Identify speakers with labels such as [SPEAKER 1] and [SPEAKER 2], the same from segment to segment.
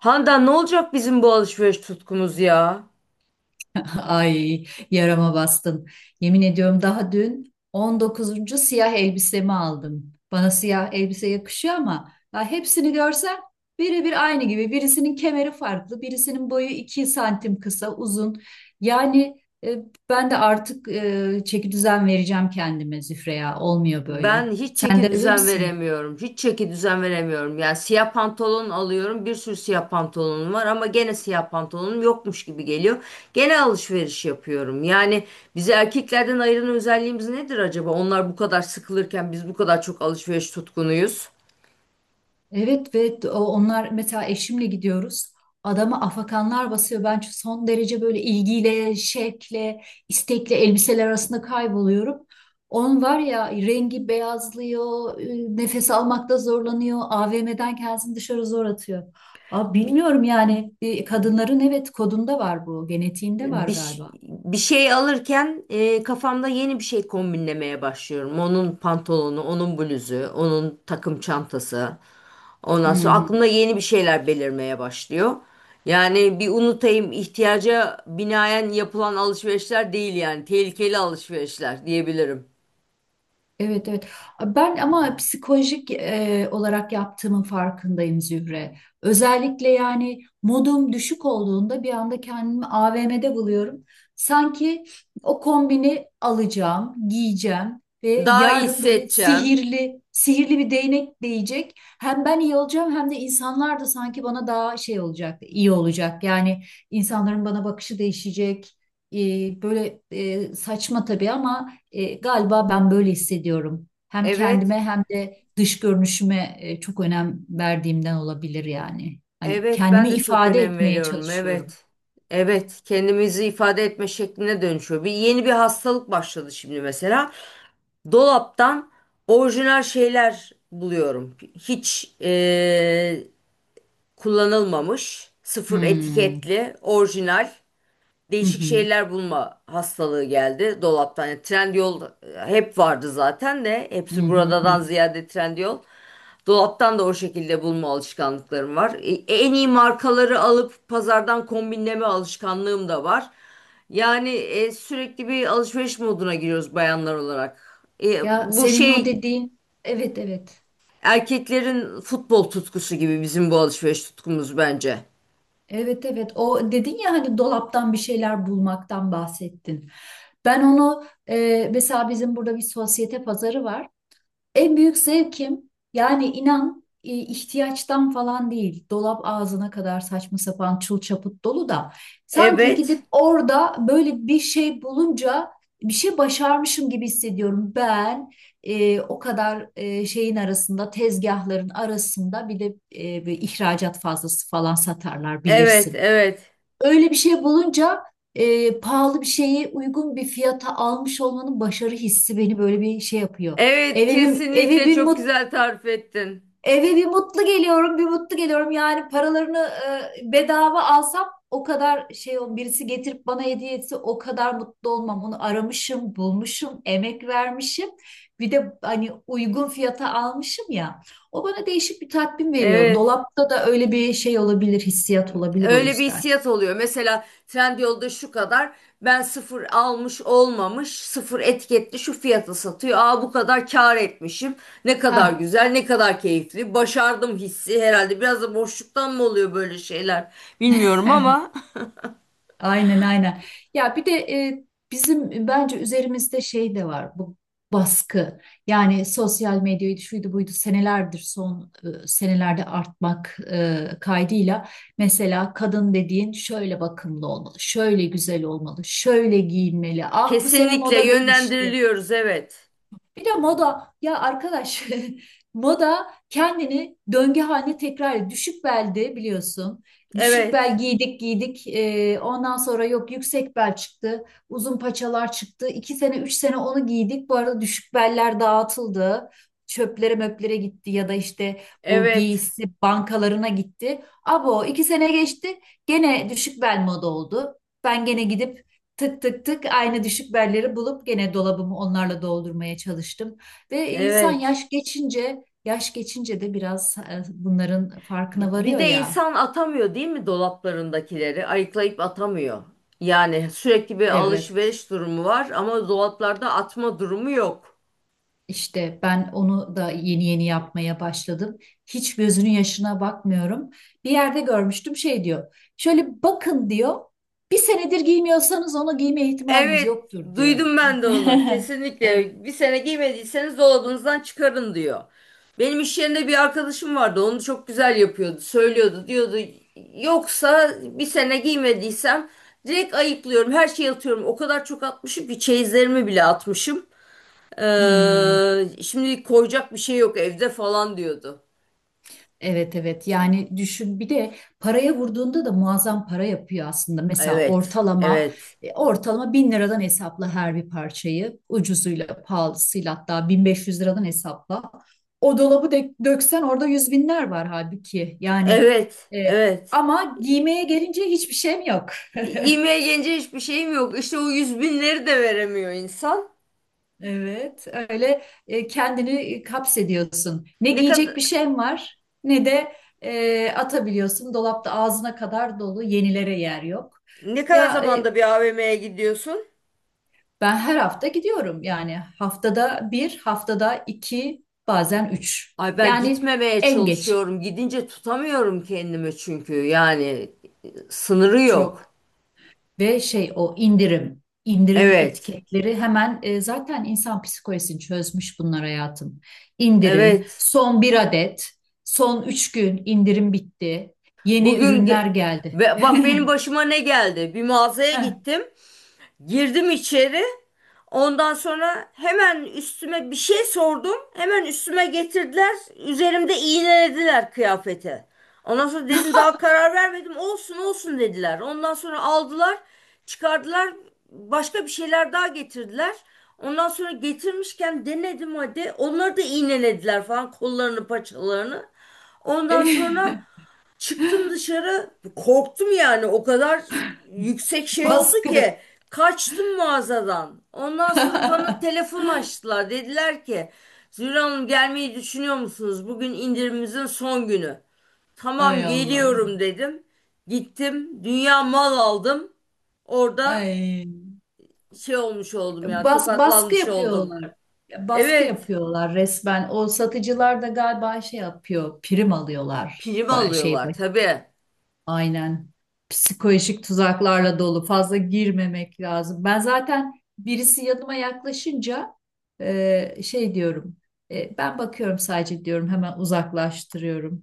[SPEAKER 1] Handan, ne olacak bizim bu alışveriş tutkumuz ya?
[SPEAKER 2] Ay yarama bastın. Yemin ediyorum daha dün 19. siyah elbisemi aldım. Bana siyah elbise yakışıyor ama ya hepsini görsem birebir aynı gibi. Birisinin kemeri farklı, birisinin boyu 2 santim kısa, uzun. Yani e, ben de artık çeki düzen vereceğim kendime Zühreya. Olmuyor
[SPEAKER 1] Ben
[SPEAKER 2] böyle.
[SPEAKER 1] hiç
[SPEAKER 2] Sen
[SPEAKER 1] çeki
[SPEAKER 2] de öyle
[SPEAKER 1] düzen
[SPEAKER 2] misin?
[SPEAKER 1] veremiyorum. Hiç çeki düzen veremiyorum. Yani siyah pantolon alıyorum. Bir sürü siyah pantolonum var ama gene siyah pantolonum yokmuş gibi geliyor. Gene alışveriş yapıyorum. Yani bizi erkeklerden ayıran özelliğimiz nedir acaba? Onlar bu kadar sıkılırken biz bu kadar çok alışveriş tutkunuyuz.
[SPEAKER 2] Evet ve onlar mesela eşimle gidiyoruz. Adama afakanlar basıyor. Ben son derece böyle ilgiyle, şevkle, istekle elbiseler arasında kayboluyorum. Onun var ya rengi beyazlıyor, nefes almakta zorlanıyor, AVM'den kendisini dışarı zor atıyor. Abi bilmiyorum yani kadınların evet kodunda var bu, genetiğinde var
[SPEAKER 1] bir,
[SPEAKER 2] galiba.
[SPEAKER 1] Bir şey alırken kafamda yeni bir şey kombinlemeye başlıyorum. Onun pantolonu, onun bluzu, onun takım çantası.
[SPEAKER 2] Hı
[SPEAKER 1] Ondan sonra
[SPEAKER 2] hı.
[SPEAKER 1] aklımda yeni bir şeyler belirmeye başlıyor. Yani bir unutayım, ihtiyaca binaen yapılan alışverişler değil, yani tehlikeli alışverişler diyebilirim.
[SPEAKER 2] Evet, evet. Ben ama psikolojik olarak yaptığımın farkındayım Zühre. Özellikle yani modum düşük olduğunda bir anda kendimi AVM'de buluyorum. Sanki o kombini alacağım, giyeceğim ve
[SPEAKER 1] Daha iyi
[SPEAKER 2] yarın böyle
[SPEAKER 1] hissedeceğim.
[SPEAKER 2] sihirli, sihirli bir değnek değecek. Hem ben iyi olacağım hem de insanlar da sanki bana daha şey olacak, iyi olacak. Yani insanların bana bakışı değişecek. E, böyle saçma tabii ama galiba ben böyle hissediyorum. Hem
[SPEAKER 1] Evet.
[SPEAKER 2] kendime hem de dış görünüşüme çok önem verdiğimden olabilir yani. Hani
[SPEAKER 1] Evet, ben
[SPEAKER 2] kendimi
[SPEAKER 1] de çok
[SPEAKER 2] ifade
[SPEAKER 1] önem
[SPEAKER 2] etmeye
[SPEAKER 1] veriyorum.
[SPEAKER 2] çalışıyorum.
[SPEAKER 1] Evet. Evet, kendimizi ifade etme şekline dönüşüyor. Bir yeni bir hastalık başladı şimdi mesela. Dolaptan orijinal şeyler buluyorum. Hiç Kullanılmamış, sıfır
[SPEAKER 2] Hmm.
[SPEAKER 1] etiketli, orijinal
[SPEAKER 2] Hı
[SPEAKER 1] değişik
[SPEAKER 2] hı.
[SPEAKER 1] şeyler bulma hastalığı geldi dolaptan. Yani Trendyol hep vardı zaten de
[SPEAKER 2] Hı
[SPEAKER 1] hepsi
[SPEAKER 2] hı hı.
[SPEAKER 1] buradadan
[SPEAKER 2] Hı.
[SPEAKER 1] ziyade Trendyol. Dolaptan da o şekilde bulma alışkanlıklarım var. En iyi markaları alıp pazardan kombinleme alışkanlığım da var. Yani sürekli bir alışveriş moduna giriyoruz bayanlar olarak.
[SPEAKER 2] Ya
[SPEAKER 1] Bu
[SPEAKER 2] senin o
[SPEAKER 1] şey,
[SPEAKER 2] dediğin, evet, evet.
[SPEAKER 1] erkeklerin futbol tutkusu gibi bizim bu alışveriş tutkumuz bence.
[SPEAKER 2] Evet, evet. O dedin ya hani dolaptan bir şeyler bulmaktan bahsettin. Ben onu mesela bizim burada bir sosyete pazarı var. En büyük zevkim yani inan ihtiyaçtan falan değil. Dolap ağzına kadar saçma sapan çul çaput dolu da sanki
[SPEAKER 1] Evet,
[SPEAKER 2] gidip orada böyle bir şey bulunca bir şey başarmışım gibi hissediyorum. Ben o kadar şeyin arasında tezgahların arasında bir de bir ihracat fazlası falan satarlar
[SPEAKER 1] evet,
[SPEAKER 2] bilirsin.
[SPEAKER 1] evet.
[SPEAKER 2] Öyle bir şey bulunca pahalı bir şeyi uygun bir fiyata almış olmanın başarı hissi beni böyle bir şey yapıyor.
[SPEAKER 1] Evet,
[SPEAKER 2] Eve bir eve
[SPEAKER 1] kesinlikle
[SPEAKER 2] bir
[SPEAKER 1] çok
[SPEAKER 2] mut
[SPEAKER 1] güzel tarif ettin.
[SPEAKER 2] Eve bir mutlu geliyorum, bir mutlu geliyorum. Yani paralarını bedava alsam o kadar şey o birisi getirip bana hediye etse o kadar mutlu olmam. Onu aramışım, bulmuşum, emek vermişim. Bir de hani uygun fiyata almışım ya. O bana değişik bir tatmin veriyor.
[SPEAKER 1] Evet,
[SPEAKER 2] Dolapta da öyle bir şey olabilir, hissiyat olabilir o
[SPEAKER 1] öyle bir
[SPEAKER 2] yüzden.
[SPEAKER 1] hissiyat oluyor. Mesela Trendyol'da şu kadar, ben sıfır almış olmamış, sıfır etiketli şu fiyata satıyor. Aa bu kadar kâr etmişim. Ne kadar
[SPEAKER 2] Ha.
[SPEAKER 1] güzel, ne kadar keyifli. Başardım hissi herhalde. Biraz da boşluktan mı oluyor böyle şeyler? Bilmiyorum ama
[SPEAKER 2] Aynen, aynen. Ya bir de bizim bence üzerimizde şey de var bu baskı. Yani sosyal medyaydı şuydu buydu senelerdir son senelerde artmak kaydıyla mesela kadın dediğin şöyle bakımlı olmalı, şöyle güzel olmalı, şöyle giyinmeli. Ah bu sene
[SPEAKER 1] kesinlikle
[SPEAKER 2] moda değişti.
[SPEAKER 1] yönlendiriliyoruz. Evet.
[SPEAKER 2] Bir de moda ya arkadaş moda kendini döngü haline tekrar ediyor. Düşük belde biliyorsun. Düşük bel
[SPEAKER 1] Evet.
[SPEAKER 2] giydik giydik. Ondan sonra yok yüksek bel çıktı. Uzun paçalar çıktı. 2 sene 3 sene onu giydik. Bu arada düşük beller dağıtıldı. Çöplere möplere gitti ya da işte bu
[SPEAKER 1] Evet.
[SPEAKER 2] giysi bankalarına gitti. Abo iki sene geçti gene düşük bel moda oldu. Ben gene gidip tık tık tık aynı düşük belleri bulup gene dolabımı onlarla doldurmaya çalıştım. Ve insan
[SPEAKER 1] Evet.
[SPEAKER 2] yaş geçince, yaş geçince de biraz bunların farkına
[SPEAKER 1] Bir
[SPEAKER 2] varıyor
[SPEAKER 1] de
[SPEAKER 2] ya.
[SPEAKER 1] insan atamıyor değil mi dolaplarındakileri? Ayıklayıp atamıyor. Yani sürekli bir
[SPEAKER 2] Evet.
[SPEAKER 1] alışveriş durumu var ama dolaplarda atma durumu yok.
[SPEAKER 2] işte ben onu da yeni yeni yapmaya başladım. Hiç gözünün yaşına bakmıyorum. Bir yerde görmüştüm şey diyor. Şöyle bakın diyor. Bir senedir giymiyorsanız onu giyme ihtimaliniz
[SPEAKER 1] Evet,
[SPEAKER 2] yoktur diyor.
[SPEAKER 1] duydum ben de onu.
[SPEAKER 2] Evet.
[SPEAKER 1] Kesinlikle bir sene giymediyseniz dolabınızdan çıkarın diyor. Benim iş yerinde bir arkadaşım vardı. Onu çok güzel yapıyordu. Söylüyordu, diyordu. Yoksa bir sene giymediysem direkt ayıklıyorum. Her şeyi atıyorum. O kadar çok atmışım ki çeyizlerimi bile atmışım.
[SPEAKER 2] Hmm.
[SPEAKER 1] Şimdi koyacak bir şey yok evde falan diyordu.
[SPEAKER 2] Evet, evet, yani düşün bir de paraya vurduğunda da muazzam para yapıyor aslında. Mesela
[SPEAKER 1] Evet, evet,
[SPEAKER 2] ortalama 1.000 liradan hesapla her bir parçayı ucuzuyla pahalısıyla hatta 1.500 liradan hesapla. O dolabı döksen orada yüz binler var halbuki yani
[SPEAKER 1] evet,
[SPEAKER 2] e,
[SPEAKER 1] evet.
[SPEAKER 2] ama giymeye gelince hiçbir şeyim yok.
[SPEAKER 1] Yemeğe gelince hiçbir şeyim yok. İşte o yüz binleri de veremiyor insan.
[SPEAKER 2] Evet, öyle kendini kapsediyorsun. Ne
[SPEAKER 1] Ne kadar
[SPEAKER 2] giyecek bir şeyin var, ne de atabiliyorsun. Dolapta ağzına kadar dolu, yenilere yer yok.
[SPEAKER 1] ne kadar
[SPEAKER 2] Ya
[SPEAKER 1] zamanda bir AVM'ye gidiyorsun?
[SPEAKER 2] ben her hafta gidiyorum. Yani haftada bir, haftada iki, bazen üç.
[SPEAKER 1] Ay ben
[SPEAKER 2] Yani
[SPEAKER 1] gitmemeye
[SPEAKER 2] en geç
[SPEAKER 1] çalışıyorum. Gidince tutamıyorum kendimi çünkü. Yani sınırı
[SPEAKER 2] çok.
[SPEAKER 1] yok.
[SPEAKER 2] Ve şey o indirim, indirim
[SPEAKER 1] Evet,
[SPEAKER 2] etiketleri hemen zaten insan psikolojisini çözmüş bunlar hayatım. İndirim,
[SPEAKER 1] evet.
[SPEAKER 2] son bir adet, son 3 gün indirim bitti, yeni
[SPEAKER 1] Bugün ge-
[SPEAKER 2] ürünler geldi.
[SPEAKER 1] Bak benim başıma ne geldi? Bir mağazaya
[SPEAKER 2] Heh.
[SPEAKER 1] gittim. Girdim içeri. Ondan sonra hemen üstüme bir şey sordum. Hemen üstüme getirdiler. Üzerimde iğnelediler kıyafeti. Ondan sonra dedim daha karar vermedim. Olsun olsun dediler. Ondan sonra aldılar, çıkardılar. Başka bir şeyler daha getirdiler. Ondan sonra getirmişken denedim hadi. Onları da iğnelediler falan, kollarını, paçalarını. Ondan sonra çıktım dışarı, korktum yani, o kadar yüksek şey oldu
[SPEAKER 2] Baskı.
[SPEAKER 1] ki kaçtım mağazadan. Ondan sonra bana telefon açtılar, dediler ki Zühre Hanım gelmeyi düşünüyor musunuz? Bugün indirimimizin son günü.
[SPEAKER 2] Ay
[SPEAKER 1] Tamam
[SPEAKER 2] Allah.
[SPEAKER 1] geliyorum dedim. Gittim dünya mal aldım. Orada
[SPEAKER 2] Ay.
[SPEAKER 1] şey olmuş oldum, yani
[SPEAKER 2] Baskı
[SPEAKER 1] tokatlanmış oldum.
[SPEAKER 2] yapıyorlar. Baskı
[SPEAKER 1] Evet,
[SPEAKER 2] yapıyorlar resmen. O satıcılar da galiba şey yapıyor, prim alıyorlar.
[SPEAKER 1] prim
[SPEAKER 2] Şey,
[SPEAKER 1] alıyorlar tabii.
[SPEAKER 2] aynen. Psikolojik tuzaklarla dolu. Fazla girmemek lazım. Ben zaten birisi yanıma yaklaşınca şey diyorum. Ben bakıyorum sadece diyorum. Hemen uzaklaştırıyorum.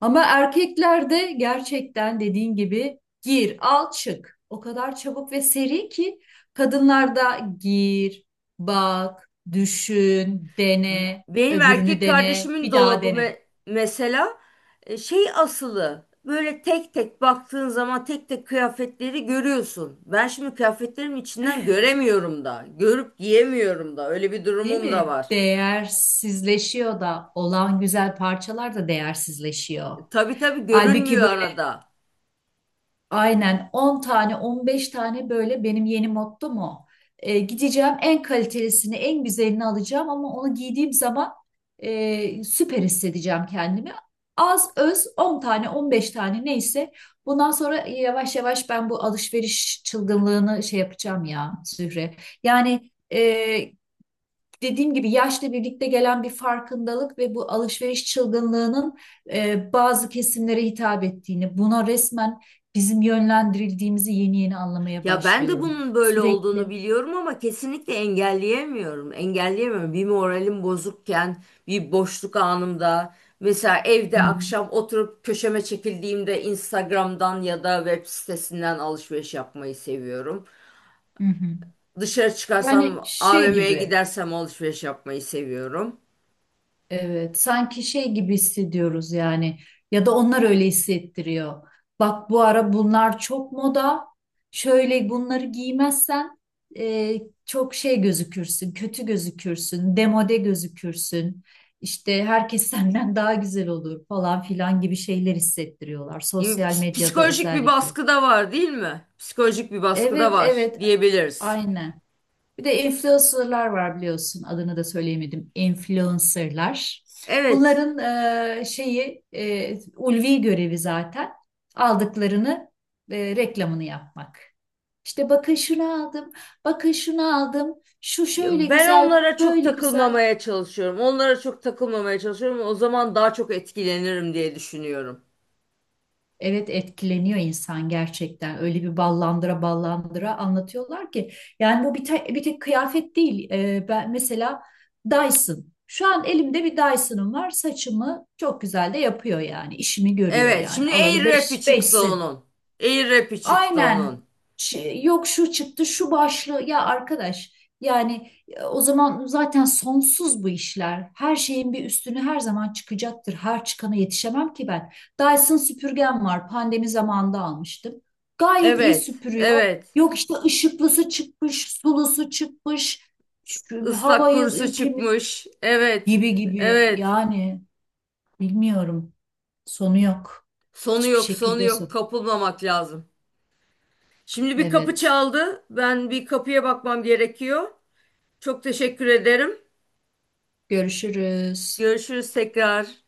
[SPEAKER 2] Ama erkeklerde gerçekten dediğin gibi gir, al, çık. O kadar çabuk ve seri ki kadınlarda gir, bak, düşün, dene,
[SPEAKER 1] Benim
[SPEAKER 2] öbürünü
[SPEAKER 1] erkek
[SPEAKER 2] dene,
[SPEAKER 1] kardeşimin
[SPEAKER 2] bir daha
[SPEAKER 1] dolabı
[SPEAKER 2] dene.
[SPEAKER 1] mesela şey asılı. Böyle tek tek baktığın zaman tek tek kıyafetleri görüyorsun. Ben şimdi kıyafetlerimin içinden göremiyorum da. Görüp giyemiyorum da. Öyle bir
[SPEAKER 2] Değil
[SPEAKER 1] durumum da
[SPEAKER 2] mi?
[SPEAKER 1] var.
[SPEAKER 2] Değersizleşiyor da olan güzel parçalar da değersizleşiyor.
[SPEAKER 1] Tabii tabii
[SPEAKER 2] Halbuki
[SPEAKER 1] görünmüyor
[SPEAKER 2] böyle
[SPEAKER 1] arada.
[SPEAKER 2] aynen 10 tane 15 tane böyle benim yeni mottom o. Gideceğim en kalitelisini en güzelini alacağım ama onu giydiğim zaman süper hissedeceğim kendimi. Az öz 10 tane 15 tane neyse bundan sonra yavaş yavaş ben bu alışveriş çılgınlığını şey yapacağım ya Zühre. Yani dediğim gibi yaşla birlikte gelen bir farkındalık ve bu alışveriş çılgınlığının bazı kesimlere hitap ettiğini, buna resmen bizim yönlendirildiğimizi yeni yeni anlamaya
[SPEAKER 1] Ya ben de
[SPEAKER 2] başlıyorum.
[SPEAKER 1] bunun böyle olduğunu
[SPEAKER 2] Sürekli.
[SPEAKER 1] biliyorum ama kesinlikle engelleyemiyorum. Engelleyemiyorum. Bir moralim bozukken, bir boşluk anımda, mesela
[SPEAKER 2] Hı
[SPEAKER 1] evde
[SPEAKER 2] hı,
[SPEAKER 1] akşam oturup köşeme çekildiğimde Instagram'dan ya da web sitesinden alışveriş yapmayı seviyorum.
[SPEAKER 2] hı hı.
[SPEAKER 1] Dışarı
[SPEAKER 2] Yani
[SPEAKER 1] çıkarsam,
[SPEAKER 2] şey
[SPEAKER 1] AVM'ye
[SPEAKER 2] gibi.
[SPEAKER 1] gidersem alışveriş yapmayı seviyorum.
[SPEAKER 2] Evet, sanki şey gibi hissediyoruz yani ya da onlar öyle hissettiriyor. Bak bu ara bunlar çok moda. Şöyle bunları giymezsen e, çok şey gözükürsün, kötü gözükürsün, demode gözükürsün. İşte herkes senden daha güzel olur falan filan gibi şeyler hissettiriyorlar sosyal medyada
[SPEAKER 1] Psikolojik bir
[SPEAKER 2] özellikle.
[SPEAKER 1] baskı da var, değil mi? Psikolojik bir baskı da
[SPEAKER 2] Evet,
[SPEAKER 1] var
[SPEAKER 2] evet,
[SPEAKER 1] diyebiliriz.
[SPEAKER 2] aynen. Bir de influencerlar var biliyorsun. Adını da söyleyemedim. Influencerlar.
[SPEAKER 1] Evet.
[SPEAKER 2] Bunların şeyi ulvi görevi zaten aldıklarını reklamını yapmak. İşte bakın şunu aldım, bakın şunu aldım, şu şöyle
[SPEAKER 1] Ya ben
[SPEAKER 2] güzel, bu
[SPEAKER 1] onlara çok
[SPEAKER 2] böyle güzel.
[SPEAKER 1] takılmamaya çalışıyorum. Onlara çok takılmamaya çalışıyorum. O zaman daha çok etkilenirim diye düşünüyorum.
[SPEAKER 2] Evet etkileniyor insan gerçekten. Öyle bir ballandıra ballandıra anlatıyorlar ki. Yani bu bir tek kıyafet değil. Ben mesela Dyson. Şu an elimde bir Dyson'ım var. Saçımı çok güzel de yapıyor yani. İşimi görüyor
[SPEAKER 1] Evet,
[SPEAKER 2] yani.
[SPEAKER 1] şimdi
[SPEAKER 2] Alalı
[SPEAKER 1] Air
[SPEAKER 2] 5
[SPEAKER 1] Rap'i
[SPEAKER 2] beş, beş.
[SPEAKER 1] çıktı onun. Air Rap'i çıktı
[SPEAKER 2] Aynen.
[SPEAKER 1] onun.
[SPEAKER 2] Yok şu çıktı, şu başlığı. Ya arkadaş, yani o zaman zaten sonsuz bu işler. Her şeyin bir üstünü her zaman çıkacaktır. Her çıkana yetişemem ki ben. Dyson süpürgem var. Pandemi zamanında almıştım. Gayet iyi
[SPEAKER 1] Evet,
[SPEAKER 2] süpürüyor.
[SPEAKER 1] evet.
[SPEAKER 2] Yok işte ışıklısı çıkmış, sulusu çıkmış, şu
[SPEAKER 1] Islak
[SPEAKER 2] havayı
[SPEAKER 1] kurusu
[SPEAKER 2] temiz
[SPEAKER 1] çıkmış. Evet,
[SPEAKER 2] gibi gibi.
[SPEAKER 1] evet.
[SPEAKER 2] Yani bilmiyorum. Sonu yok.
[SPEAKER 1] Sonu
[SPEAKER 2] Hiçbir
[SPEAKER 1] yok, sonu
[SPEAKER 2] şekilde
[SPEAKER 1] yok.
[SPEAKER 2] son.
[SPEAKER 1] Kapılmamak lazım. Şimdi bir kapı
[SPEAKER 2] Evet.
[SPEAKER 1] çaldı. Ben bir kapıya bakmam gerekiyor. Çok teşekkür ederim.
[SPEAKER 2] Görüşürüz.
[SPEAKER 1] Görüşürüz tekrar.